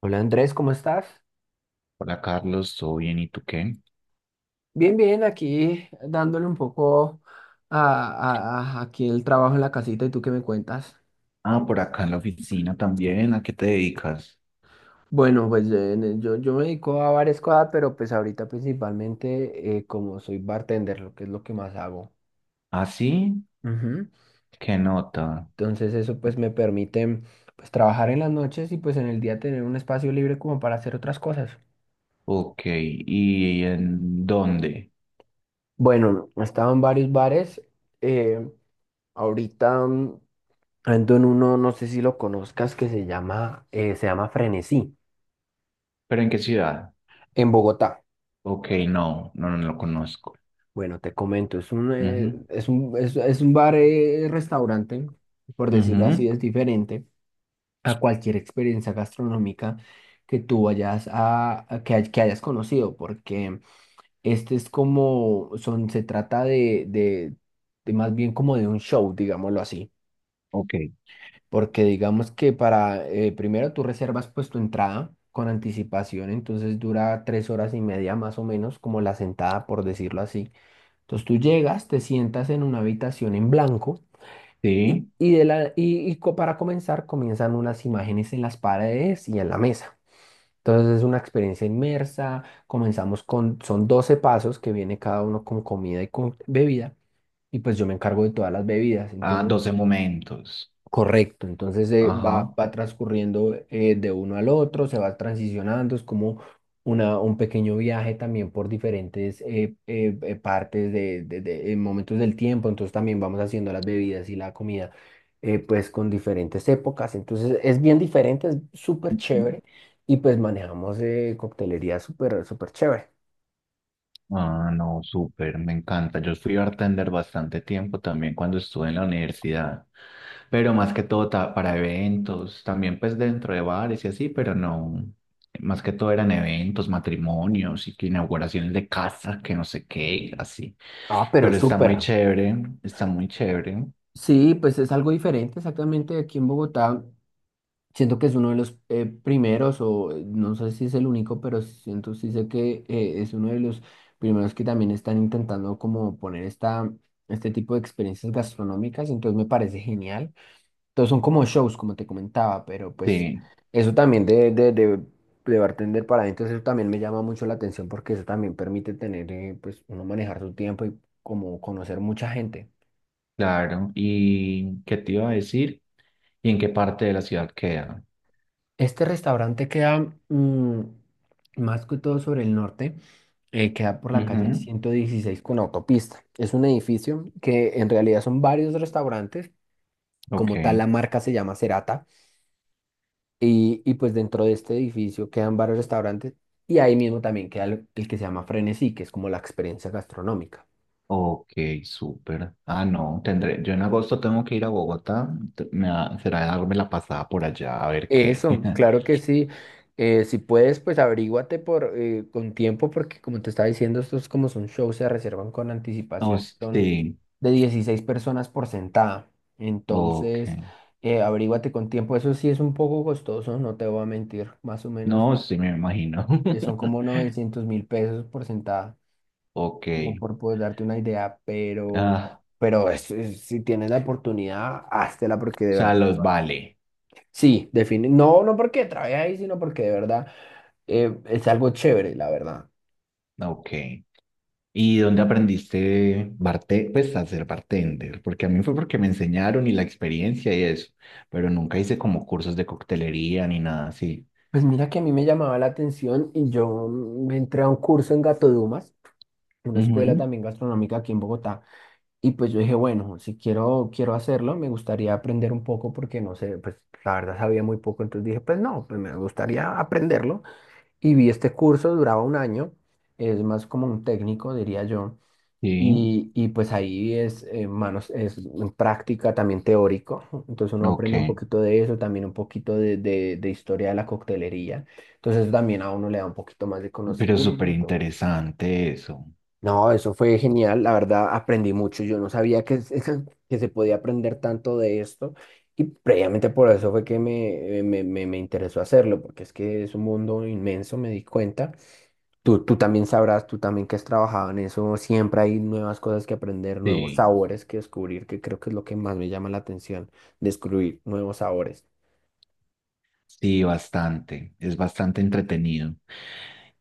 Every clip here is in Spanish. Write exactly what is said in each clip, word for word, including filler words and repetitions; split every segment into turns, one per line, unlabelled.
Hola Andrés, ¿cómo estás?
Hola Carlos, ¿todo bien? ¿Y tú qué?
Bien, bien, aquí dándole un poco a, a- a- aquí el trabajo en la casita y ¿tú qué me cuentas?
Ah, por acá en la oficina también. ¿A qué te dedicas?
Bueno, pues eh, ne- yo, yo me dedico a varias cosas, pero pues ahorita principalmente eh, como soy bartender, lo que es lo que más hago.
¿Ah, sí?
Ujú.
¿Qué nota?
Entonces eso pues me permite pues trabajar en las noches y pues en el día tener un espacio libre como para hacer otras cosas.
Ok, ¿y en dónde?
Bueno, he estado en varios bares. eh, ahorita... mm, ando en uno, no sé si lo conozcas, que se llama, eh, se llama Frenesí,
¿Pero en qué ciudad?
en Bogotá.
Ok, no, no, no lo conozco.
Bueno, te comento, es un, eh,
Ujú,
es un, es, es un bar, eh, restaurante, por decirlo
ujú,
así, es diferente a cualquier experiencia gastronómica que tú vayas a, a que, hay- que hayas conocido, porque este es como, son, se trata de, de, de más bien como de un show, digámoslo así.
Ok,
Porque digamos que para, eh, primero tú reservas pues tu entrada con anticipación, entonces dura tres horas y media más o menos, como la sentada por decirlo así. Entonces tú llegas, te sientas en una habitación en blanco y,
sí.
y de la, y, y co- para comenzar comienzan unas imágenes en las paredes y en la mesa. Entonces es una experiencia inmersa, comenzamos con, son doce pasos que viene cada uno con comida y con bebida. Y pues yo me encargo de todas las bebidas.
Ah,
Entonces
doce momentos.
correcto, entonces eh, va,
Ajá.
va transcurriendo eh, de uno al otro, se va transicionando, es como una, un pequeño viaje también por diferentes eh, eh, eh, partes de, de- de- en momentos del tiempo, entonces también vamos haciendo las bebidas y la comida, eh, pues con diferentes épocas. Entonces es bien diferente, es súper chévere y pues manejamos eh, coctelería súper, súper chévere.
Ah, no, súper, me encanta. Yo fui bartender bastante tiempo también cuando estuve en la universidad. Pero más que todo ta- para eventos, también pues dentro de bares y así, pero no, más que todo eran eventos, matrimonios y que inauguraciones de casa, que no sé qué, así.
Ah, pero
Pero está muy
súper.
chévere, está muy chévere.
Sí, pues es algo diferente exactamente aquí en Bogotá. Siento que es uno de los eh, primeros, o eh, no sé si es el único, pero siento, sí sé que eh, es uno de los primeros que también están intentando como poner esta, este tipo de experiencias gastronómicas, entonces me parece genial. Entonces son como shows, como te comentaba, pero pues
Sí,
eso también de, de, de, de bartender para adentro, eso también me llama mucho la atención porque eso también permite tener, eh, pues uno manejar su tiempo y como conocer mucha gente.
claro. ¿Y qué te iba a decir? ¿Y en qué parte de la ciudad queda?
Este restaurante queda, mm, más que todo sobre el norte, eh, queda por la calle
Ujú,
ciento dieciséis con autopista. Es un edificio que en realidad son varios restaurantes.
Ok,
Como tal la marca se llama Cerata, y, y pues dentro de este edificio quedan varios restaurantes y ahí mismo también queda el, el que se llama Frenesí, que es como la experiencia gastronómica.
ok, súper. Ah, no, tendré, yo en agosto tengo que ir a Bogotá, te- me da- será darme la pasada por allá a ver qué.
Eso, claro que sí. Eh, si puedes, pues averíguate por, eh, con tiempo, porque como te estaba diciendo, estos como son shows, se reservan con
Oh,
anticipación, son
sí.
de dieciséis personas por sentada.
Ok.
Entonces, eh, averíguate con tiempo. Eso sí es un poco costoso, no te voy a mentir, más o menos
No, sí me imagino.
eh, son como novecientos mil pesos por sentada,
Ok.
como por poder darte una idea, pero,
Ah,
pero es- es- si tienes la oportunidad, háztela,
o
porque de
sea,
verdad que
los
vale.
vale.
Sí, define. No, no porque trae ahí, sino porque de verdad eh, es algo chévere, la verdad.
Ok. ¿Y dónde aprendiste barte pues a ser bartender? Porque a mí fue porque me enseñaron y la experiencia y eso, pero nunca hice como cursos de coctelería ni nada así.
Pues mira que a mí me llamaba la atención y yo me entré a un curso en Gato Dumas, una escuela
Ujú,
también gastronómica aquí en Bogotá, y pues yo dije, bueno, si quiero, quiero hacerlo, me gustaría aprender un poco porque no sé, pues la verdad sabía muy poco, entonces dije, pues no, pues me gustaría aprenderlo. Y vi este curso, duraba un año, es más como un técnico, diría yo.
Sí,
Y, y pues ahí es, eh, manos, es en práctica, también teórico. Entonces uno aprende un
ok.
poquito de eso, también un poquito de, de, de historia de la coctelería. Entonces eso también a uno le da un poquito más de
Pero súper
conocimiento.
interesante eso.
No, eso fue genial, la verdad aprendí mucho. Yo no sabía que, se- que se podía aprender tanto de esto, y previamente por eso fue que me, me, me, me interesó hacerlo, porque es que es un mundo inmenso, me di cuenta. Tú, tú también sabrás, tú también que has trabajado en eso, siempre hay nuevas cosas que aprender, nuevos
Sí.
sabores que descubrir, que creo que es lo que más me llama la atención, descubrir nuevos sabores.
Sí, bastante. Es bastante entretenido.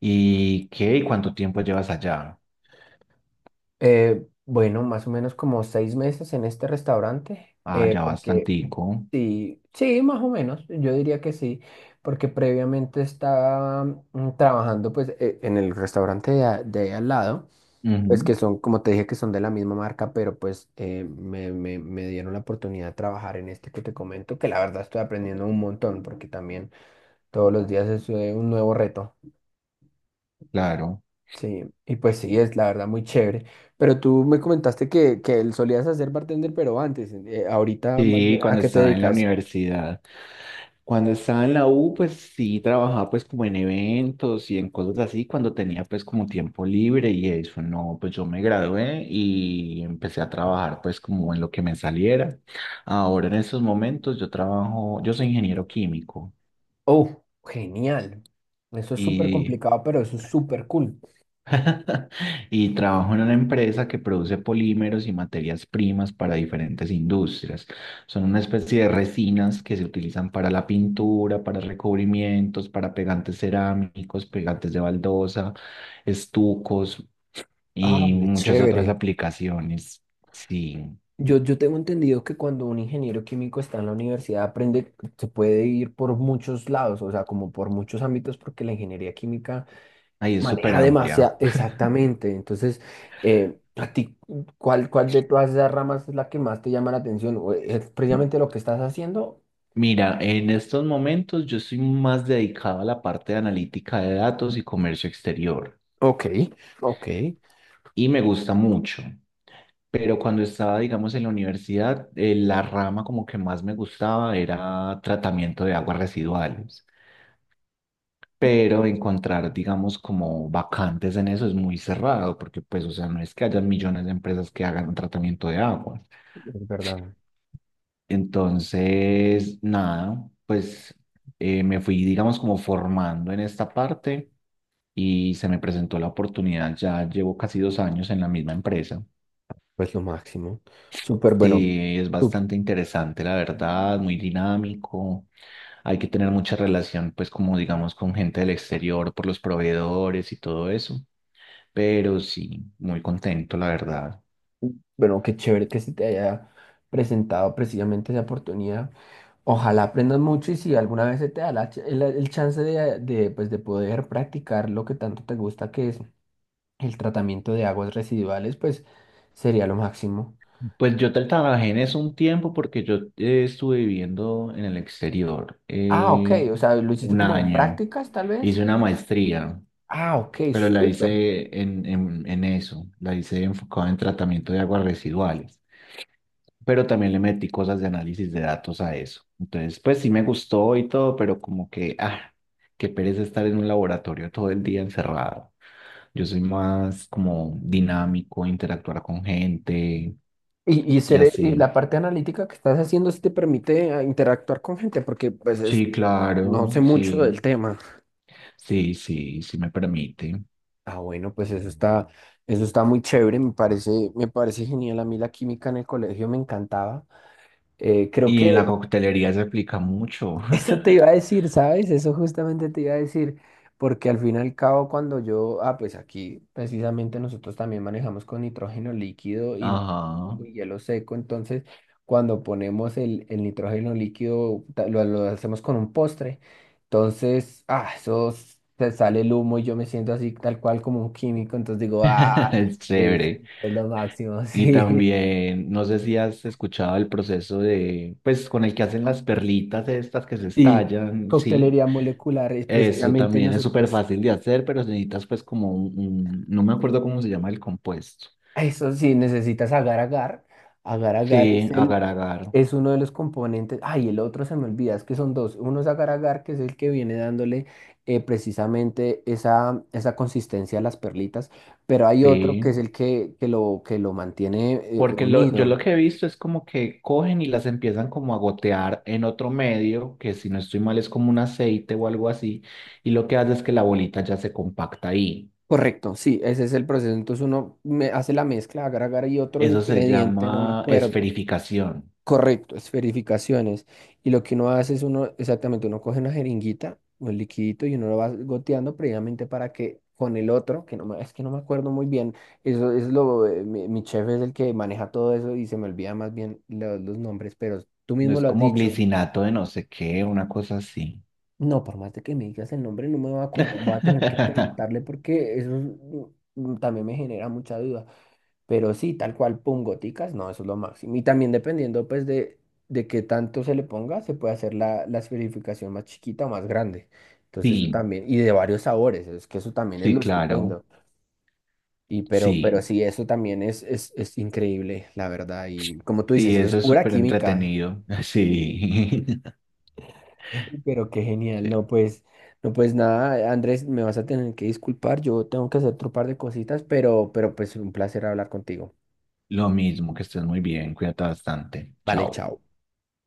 ¿Y qué? ¿Y cuánto tiempo llevas allá?
Eh, bueno, más o menos como seis meses en este restaurante,
Ah,
eh,
ya
porque
bastantico.
sí, sí, más o menos, yo diría que sí, porque previamente estaba, mm, trabajando pues e- en el restaurante de, a- de al lado,
Ujú,
pues que son, como te dije, que son de la misma marca, pero pues eh, me, me, me dieron la oportunidad de trabajar en este que te comento, que la verdad estoy aprendiendo un montón, porque también todos los días es eh, un nuevo reto.
Claro.
Sí, y pues sí, es la verdad muy chévere. Pero tú me comentaste que, que solías hacer bartender, pero antes, eh, ahorita más bien,
Sí,
¿a
cuando
qué te
estaba en la
dedicas?
universidad. Cuando estaba en la U, pues sí trabajaba pues como en eventos y en cosas así, cuando tenía pues como tiempo libre y eso, no, pues yo me gradué y empecé a trabajar pues como en lo que me saliera. Ahora en estos momentos yo trabajo, yo soy ingeniero químico
Oh, genial. Eso es súper
y
complicado, pero eso es súper cool.
y trabajo en una empresa que produce polímeros y materias primas para diferentes industrias. Son una especie de resinas que se utilizan para la pintura, para recubrimientos, para pegantes cerámicos, pegantes de baldosa, estucos
Ah,
y
qué
muchas otras
chévere.
aplicaciones. Sí,
Yo, yo tengo entendido que cuando un ingeniero químico está en la universidad, aprende, se puede ir por muchos lados, o sea, como por muchos ámbitos, porque la ingeniería química
ahí es súper
maneja
amplia.
demasiado, exactamente. Entonces, eh, a ti, ¿cuál, cuál de todas esas ramas es la que más te llama la atención? ¿O ¿Es precisamente lo que estás haciendo?
Mira, en estos momentos yo soy más dedicado a la parte de analítica de datos y comercio exterior
Ok, ok, es
y me gusta mucho. Pero cuando estaba, digamos, en la universidad, eh, la rama como que más me gustaba era tratamiento de aguas residuales. Pero encontrar, digamos, como vacantes en eso es muy cerrado, porque pues, o sea, no es que haya millones de empresas que hagan un tratamiento de agua.
verdad,
Entonces, nada, pues eh, me fui, digamos, como formando en esta parte y se me presentó la oportunidad. Ya llevo casi dos años en la misma empresa.
pues lo máximo. Súper bueno.
Sí, es bastante interesante, la verdad, muy dinámico. Hay que tener mucha relación, pues como digamos, con gente del exterior por los proveedores y todo eso. Pero sí, muy contento, la verdad.
Bueno, qué chévere que se te haya presentado precisamente esa oportunidad. Ojalá aprendas mucho, y si alguna vez se te da la ch- el, el chance de, de, pues, de poder practicar lo que tanto te gusta, que es el tratamiento de aguas residuales, pues sería lo máximo.
Pues yo tra- trabajé en eso un tiempo porque yo eh, estuve viviendo en el exterior
Ah, ok,
eh,
o sea, lo hiciste
un
como de
año.
prácticas tal
Hice
vez.
una maestría,
Ah, ok,
pero la
súper.
hice en, en, en eso. La hice enfocada en tratamiento de aguas residuales. Pero también le metí cosas de análisis de datos a eso. Entonces, pues sí me gustó y todo, pero como que, ah, qué pereza estar en un laboratorio todo el día encerrado. Yo soy más como dinámico, interactuar con gente
Y, y,
y
ser- y
así.
la parte analítica que estás haciendo si te permite, ah, interactuar con gente, porque pues es-
Sí,
no
claro,
sé mucho
sí,
del tema.
sí, sí, sí me permite.
Ah, bueno, pues eso está, eso está muy chévere, me parece, me parece genial. A mí la química en el colegio me encantaba. Eh, creo
Y en la
que
coctelería se aplica mucho.
eso te iba a decir, ¿sabes? Eso justamente te iba a decir, porque al fin y al cabo cuando yo, ah, pues aquí precisamente nosotros también manejamos con nitrógeno líquido y,
Ajá,
y hielo seco, entonces cuando ponemos el, el nitrógeno líquido ta- lo, lo hacemos con un postre, entonces, ah, eso se sale el humo y yo me siento así tal cual como un químico, entonces digo, ah,
es
eso
chévere.
es lo máximo.
Y
Sí.
también, no sé si has escuchado el proceso de, pues con el que hacen las perlitas estas que se
Y
estallan, sí.
coctelería molecular es
Eso
precisamente
también es súper
nosotros.
fácil de hacer, pero necesitas pues como un, un- no me acuerdo cómo se llama el compuesto.
Eso sí, necesitas agar agar. Agar agar es
Sí,
el,
agar agar,
es uno de los componentes. Ay, el otro se me olvida, es que son dos. Uno es agar agar, que es el que viene dándole, eh, precisamente esa, esa consistencia a las perlitas, pero hay otro que es
sí.
el que, que lo, que lo mantiene eh,
Porque lo, yo lo
unido.
que he visto es como que cogen y las empiezan como a gotear en otro medio, que si no estoy mal es como un aceite o algo así, y lo que hace es que la bolita ya se compacta ahí.
Correcto, sí, ese es el proceso. Entonces uno me hace la mezcla, agar agar y otro
Eso se
ingrediente, no me
llama
acuerdo.
esferificación.
Correcto, es verificaciones. Y lo que uno hace es uno, exactamente, uno coge una jeringuita, un liquidito y uno lo va goteando previamente para que con el otro, que no me, es que no me acuerdo muy bien, eso es lo, eh, mi, mi chef es el que maneja todo eso y se me olvida más bien lo- los nombres, pero tú
No
mismo
es
lo has
como
dicho.
glicinato de no sé qué, una cosa así.
No, por más de que me digas el nombre, no me voy a acordar, voy a tener que preguntarle, porque eso es, mm, mm, también me genera mucha duda. Pero sí, tal cual, pum, goticas, no, eso es lo máximo. Y también dependiendo, pues, de, de qué tanto se le ponga, se puede hacer la, la esferificación más chiquita o más grande. Entonces, eso
Sí,
también, y de varios sabores, es que eso también es
sí,
lo
claro.
estupendo. Y pero, pero
Sí,
sí, eso también es, es, es increíble, la verdad. Y como tú
sí,
dices, eso es
eso es
pura
súper
química.
entretenido. Sí.
Pero qué genial,
Sí.
no, pues, no, pues nada, Andrés, me vas a tener que disculpar, yo tengo que hacer otro par de cositas, pero, pero pues un placer hablar contigo.
Lo mismo, que estés muy bien, cuídate bastante.
Vale,
Chao.
chao.